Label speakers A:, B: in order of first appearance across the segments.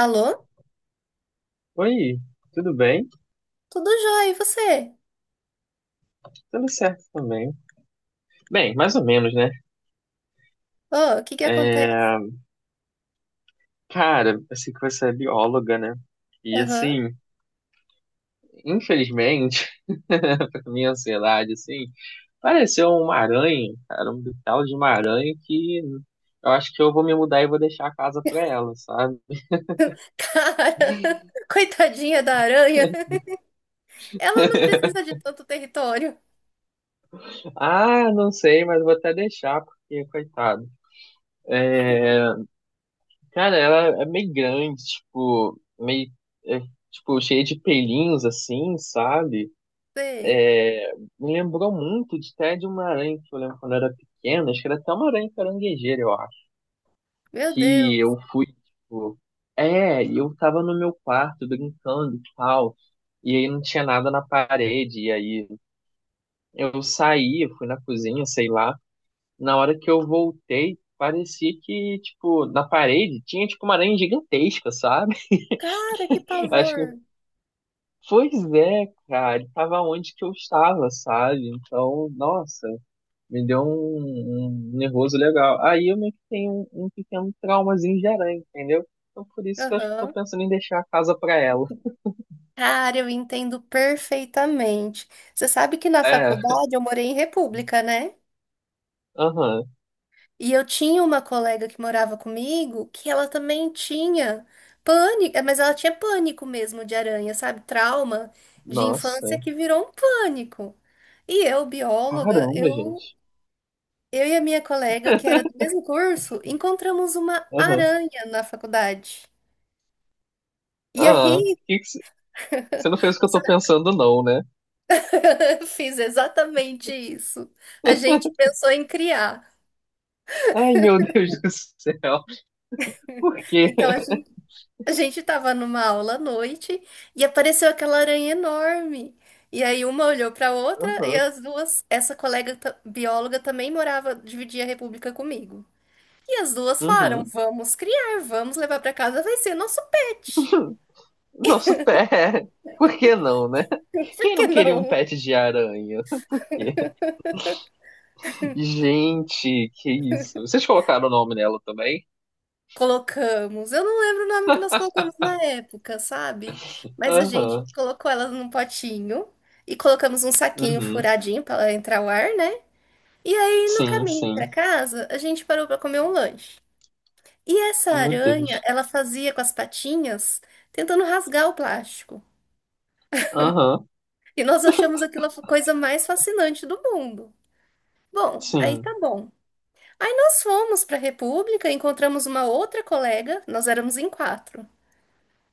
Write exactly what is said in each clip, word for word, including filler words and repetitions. A: Alô?
B: Oi, tudo bem?
A: Tudo jóia, e você?
B: Tudo certo também. Bem, mais ou menos, né?
A: Ô, o que que acontece?
B: É, Cara, eu sei que você é bióloga, né? E
A: Aham.
B: assim, infelizmente, pra minha ansiedade, assim, pareceu uma aranha, cara, um tal de uma aranha que eu acho que eu vou me mudar e vou deixar a casa pra ela, sabe?
A: Cara, coitadinha da aranha. Ela não precisa de tanto território.
B: Ah, não sei, mas vou até deixar, porque, coitado. Cara, ela é meio grande, tipo, meio, é, tipo, cheia de pelinhos, assim, sabe?
A: Sei.
B: É, Me lembrou muito de até de uma aranha que eu lembro quando eu era pequeno, acho que era até uma aranha caranguejeira, eu acho.
A: Meu
B: Que
A: Deus.
B: eu fui, tipo. É, e eu tava no meu quarto brincando e tal. E aí não tinha nada na parede. E aí eu saí, eu fui na cozinha, sei lá. Na hora que eu voltei, parecia que, tipo, na parede tinha, tipo, uma aranha gigantesca, sabe?
A: Cara, que
B: Acho
A: pavor.
B: que. Pois é, cara, ele tava onde que eu estava, sabe? Então, nossa. Me deu um, um nervoso legal. Aí eu meio que tenho um, um pequeno traumazinho gerante, entendeu? Então por isso que eu acho que eu tô
A: Aham.
B: pensando em deixar a casa pra ela.
A: Cara, eu entendo perfeitamente. Você sabe que na
B: É,
A: faculdade eu morei em república, né?
B: aham.
A: E eu tinha uma colega que morava comigo que ela também tinha pânico, mas ela tinha pânico mesmo de aranha, sabe? Trauma de
B: Nossa.
A: infância que virou um pânico. E eu, bióloga,
B: Caramba,
A: eu,
B: gente.
A: eu e a minha colega, que era do mesmo curso, encontramos uma
B: Aham.
A: aranha na faculdade. E
B: Ah,
A: aí,
B: que que cê- você não fez o que eu
A: você
B: tô pensando, não, né?
A: vai- fiz exatamente isso. A gente pensou em criar.
B: Ai, meu Deus do céu. Por quê?
A: Então a gente A gente tava numa aula à noite e apareceu aquela aranha enorme. E aí uma olhou pra outra e
B: Aham.
A: as duas, essa colega ta- bióloga também morava, dividia a república comigo. E as duas falaram:
B: Uhum.
A: "Vamos criar, vamos levar pra casa, vai ser nosso pet".
B: Nosso pé. Por que não, né?
A: Por
B: Quem
A: que
B: não queria um
A: não?
B: pet de aranha? Gente, que isso. Vocês colocaram o nome nela também?
A: Colocamos. Eu não lembro o nome que nós colocamos na época, sabe? Mas a gente
B: Aham.
A: colocou ela num potinho e colocamos um saquinho
B: Uhum.
A: furadinho pra ela entrar o ar, né? E aí, no
B: Sim,
A: caminho
B: sim.
A: pra casa, a gente parou pra comer um lanche. E essa
B: Meu
A: aranha,
B: Deus.
A: ela fazia com as patinhas, tentando rasgar o plástico.
B: Aham.
A: E nós achamos aquilo a coisa mais fascinante do mundo. Bom, aí tá
B: Sim,
A: bom. Aí nós fomos pra República, encontramos uma outra colega, nós éramos em quatro.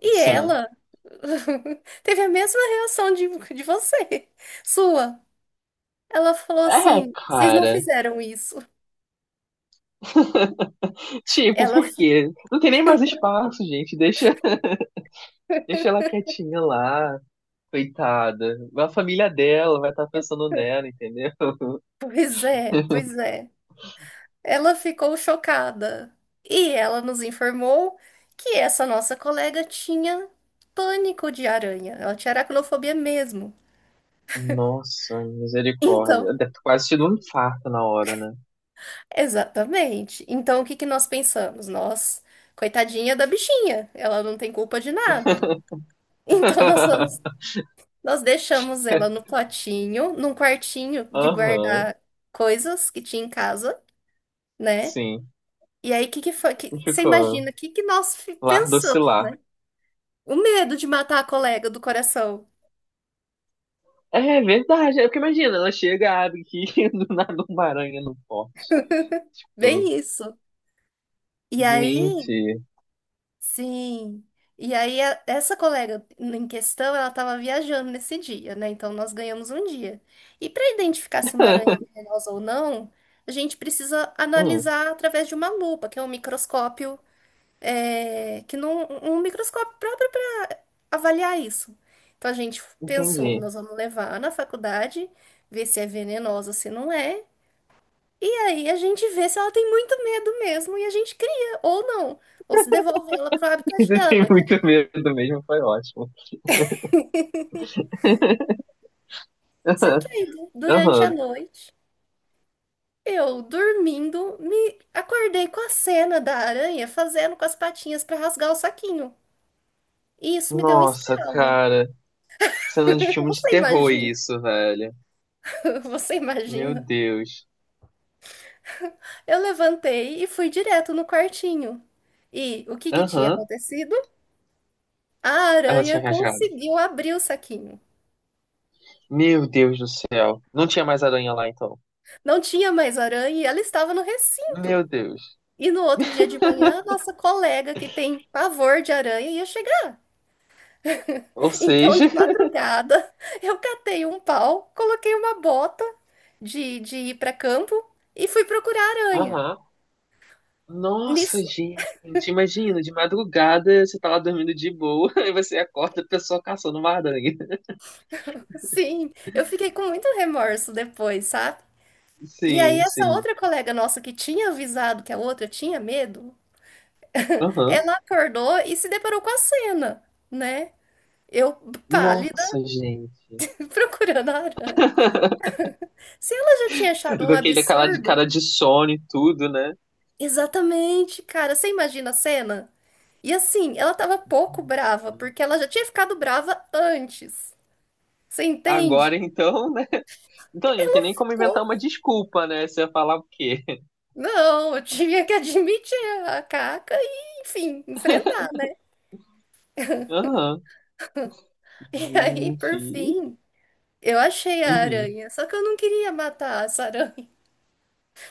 A: E
B: sim.
A: ela teve a mesma reação de, de você, sua. Ela falou
B: É,
A: assim: vocês não
B: cara.
A: fizeram isso.
B: Tipo,
A: Ela,
B: por quê? Não tem nem mais espaço, gente. Deixa, deixa ela quietinha lá, coitada. A família dela vai estar pensando nela, entendeu?
A: pois é, pois é. Ela ficou chocada e ela nos informou que essa nossa colega tinha pânico de aranha. Ela tinha aracnofobia mesmo.
B: Nossa,
A: Então,
B: misericórdia. Deve ter quase tido um infarto na hora, né?
A: exatamente. Então, o que que nós pensamos? Nós, coitadinha da bichinha, ela não tem culpa de nada. Então, nós vamos, nós deixamos ela no potinho, num quartinho de
B: Aham,
A: guardar coisas que tinha em casa, né?
B: sim.
A: E aí, o que que foi? que- você
B: Ficou.
A: imagina o que que nós fi-
B: Lar
A: pensamos?
B: docilar.
A: O medo de matar a colega do coração.
B: É verdade. É porque imagina, ela chega, abre aqui do nada uma aranha no pote. Tipo,
A: Bem isso. E aí,
B: gente.
A: sim. E aí, a- essa colega em questão, ela estava viajando nesse dia, né? Então, nós ganhamos um dia. E para identificar se uma aranha é venenosa ou não, a gente precisa
B: Hum,
A: analisar através de uma lupa, que é um microscópio, é, que não, um microscópio próprio para avaliar isso. Então, a gente pensou,
B: entendi.
A: nós vamos levar na faculdade, ver se é venenosa, se não é. E aí a gente vê se ela tem muito medo mesmo e a gente cria, ou não. Ou se devolve ela pro habitat
B: Você
A: dela,
B: tem
A: coitadinha.
B: muito medo mesmo, foi ótimo.
A: Só que aí, du- durante a
B: Aham.
A: noite, eu dormindo, me acordei com a cena da aranha fazendo com as patinhas pra rasgar o saquinho. E isso me deu um
B: Nossa,
A: estalo.
B: cara. Cena de filme de
A: Você
B: terror
A: imagina?
B: isso, velho.
A: Você
B: Meu
A: imagina?
B: Deus.
A: Eu levantei e fui direto no quartinho. E o que que tinha
B: Aham.
A: acontecido? A
B: Ela
A: aranha
B: tinha rasgado.
A: conseguiu abrir o saquinho.
B: Meu Deus do céu. Não tinha mais aranha lá, então.
A: Não tinha mais aranha e ela estava no recinto.
B: Meu Deus.
A: E no outro dia de manhã, nossa colega que tem pavor de aranha ia chegar.
B: Ou
A: Então,
B: seja.
A: de madrugada, eu catei um pau, coloquei uma bota de, de ir para campo e fui procurar aranha.
B: Aham. Nossa,
A: Nisso,
B: gente. Imagina, de madrugada você tá lá dormindo de boa, e você acorda a pessoa caçando uma aranha.
A: sim, eu fiquei com muito remorso depois, sabe? E aí,
B: Sim,
A: essa
B: sim.
A: outra colega nossa que tinha avisado que a outra tinha medo,
B: Aham.
A: ela acordou e se deparou com a cena, né? Eu, pálida,
B: Nossa, gente.
A: procurando a aranha. Se ela já tinha achado
B: Com
A: um
B: aquele aquela de
A: absurdo,
B: cara de sono e tudo, né?
A: exatamente, cara. Você imagina a cena? E assim, ela tava pouco
B: Nossa.
A: brava, porque ela já tinha ficado brava antes. Você entende?
B: Agora então, né? Então, não tem nem como inventar
A: Ficou-
B: uma desculpa, né? Você ia falar o quê?
A: Não, eu tinha que admitir a caca e, enfim, enfrentar, né?
B: Aham.
A: E aí,
B: Gente.
A: por fim, eu achei a
B: Uhum.
A: aranha. Só que eu não queria matar essa aranha,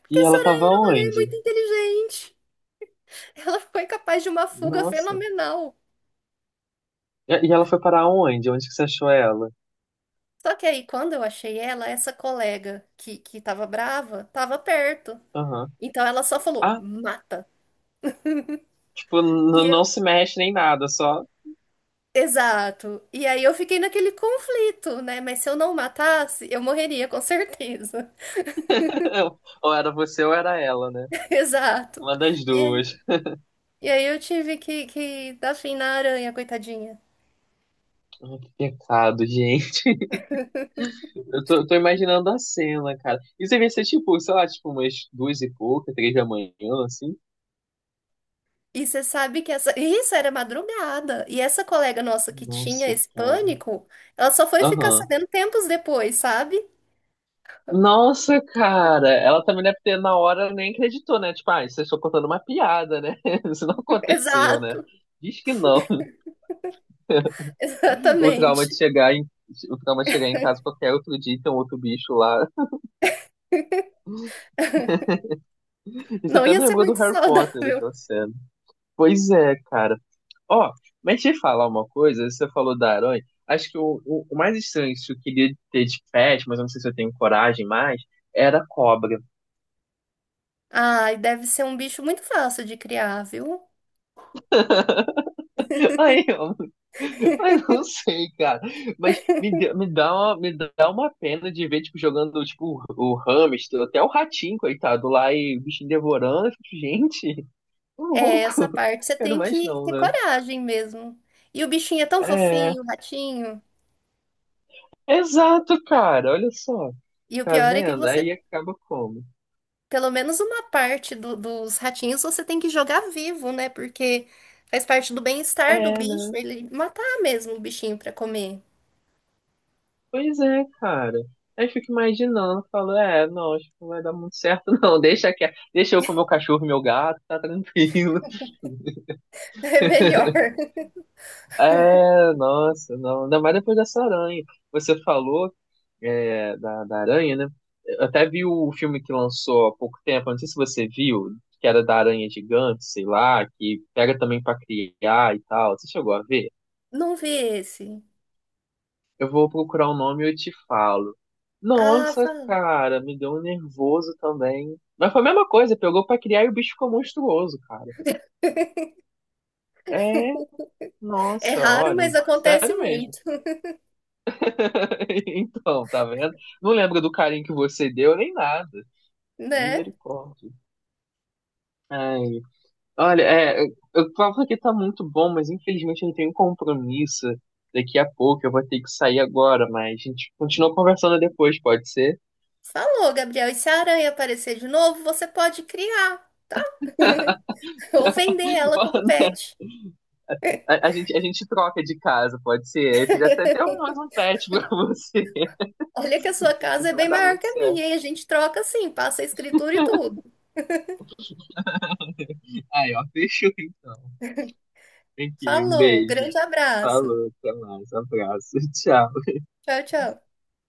A: porque
B: E
A: essa
B: ela
A: aranha
B: tava
A: era uma aranha
B: onde?
A: muito inteligente. Ela foi capaz de uma fuga
B: Nossa.
A: fenomenal.
B: E e ela foi parar onde? Onde que você achou ela?
A: Só que aí, quando eu achei ela, essa colega que, que tava brava, tava perto.
B: Aham.
A: Então ela só falou,
B: Ah,
A: mata.
B: tipo,
A: E
B: n- não
A: eu,
B: se mexe nem nada, só
A: exato. E aí eu fiquei naquele conflito, né? Mas se eu não matasse, eu morreria com certeza.
B: ou era você ou era ela, né?
A: Exato.
B: Uma das
A: E
B: duas.
A: aí, e aí eu tive que, que dar fim na aranha, coitadinha.
B: Ai, que pecado, gente. Eu tô, tô imaginando a cena, cara. Isso devia ser tipo, sei lá, tipo umas duas e pouca, três da manhã, assim.
A: E você sabe que essa. Isso era madrugada. E essa colega nossa que tinha
B: Nossa,
A: esse
B: cara.
A: pânico, ela só foi ficar
B: Aham.
A: sabendo tempos depois, sabe?
B: Nossa, cara. Ela também deve ter, na hora, nem acreditou, né? Tipo, ah, vocês estão contando uma piada, né? Isso não aconteceu, né?
A: Exato.
B: Diz que não. O trauma
A: Exatamente.
B: de chegar em, o trauma de chegar em casa qualquer outro dia e ter um outro bicho lá. Isso
A: Não
B: até
A: ia
B: me
A: ser
B: lembrou do
A: muito
B: Harry Potter,
A: saudável.
B: daquela cena. Pois é, cara. Ó, mas deixa eu falar uma coisa, você falou da aranha. Acho que o, o, o mais estranho que eu queria ter de pet, mas eu não sei se eu tenho coragem mais, era a cobra.
A: Ai, deve ser um bicho muito fácil de criar, viu?
B: Ai, eu, mas não sei, cara. Mas me, deu- me, dá uma, me dá uma pena de ver, tipo, jogando, tipo, o, o hamster, até o ratinho, coitado, lá e o bichinho devorando. Eu fico, gente, tô
A: É
B: louco.
A: essa parte você
B: Quero
A: tem
B: mais
A: que
B: não,
A: ter
B: né?
A: coragem mesmo. E o bichinho é tão
B: É,
A: fofinho, o ratinho.
B: exato, cara. Olha só.
A: E o
B: Tá
A: pior é que
B: vendo?
A: você,
B: Aí acaba como?
A: pelo menos uma parte do- dos ratinhos, você tem que jogar vivo, né? Porque faz parte do bem-estar do
B: É,
A: bicho,
B: né?
A: ele matar mesmo o bichinho pra comer.
B: Pois é, cara. Aí fico imaginando, falo, é, não, acho que não vai dar muito certo, não. Deixa que, deixa eu com meu cachorro, e meu gato, tá tranquilo.
A: É melhor.
B: É, nossa, não. Ainda mais depois dessa aranha. Você falou, é, da, da aranha, né? Eu até vi o filme que lançou há pouco tempo, não sei se você viu, que era da aranha gigante, sei lá, que pega também pra criar e tal. Você chegou a ver?
A: Não vi esse.
B: Eu vou procurar o nome e eu te falo.
A: Ah,
B: Nossa,
A: fala.
B: cara, me deu um nervoso também. Mas foi a mesma coisa, pegou pra criar e o bicho ficou monstruoso, cara. É,
A: É
B: nossa,
A: raro,
B: olha,
A: mas acontece
B: sério mesmo.
A: muito,
B: Então, tá vendo? Não lembro do carinho que você deu nem nada.
A: né?
B: Misericórdia. Ai, olha, é, o papo aqui tá muito bom, mas infelizmente eu tenho um compromisso daqui a pouco. Eu vou ter que sair agora, mas a gente continua conversando depois, pode ser?
A: Falou, Gabriel. E se a aranha aparecer de novo, você pode criar ou vender ela como pet.
B: A, a gente, a gente troca de casa, pode ser. Aí você já tem até um, mais um pet pra você.
A: Olha que a sua casa é
B: Isso vai
A: bem
B: dar
A: maior
B: muito
A: que a
B: certo.
A: minha, e a gente troca assim, passa a escritura e tudo.
B: Aí, ó, fechou então. Aqui, um
A: Falou,
B: beijo.
A: grande abraço.
B: Falou, até mais. Um abraço. Tchau.
A: Tchau, tchau.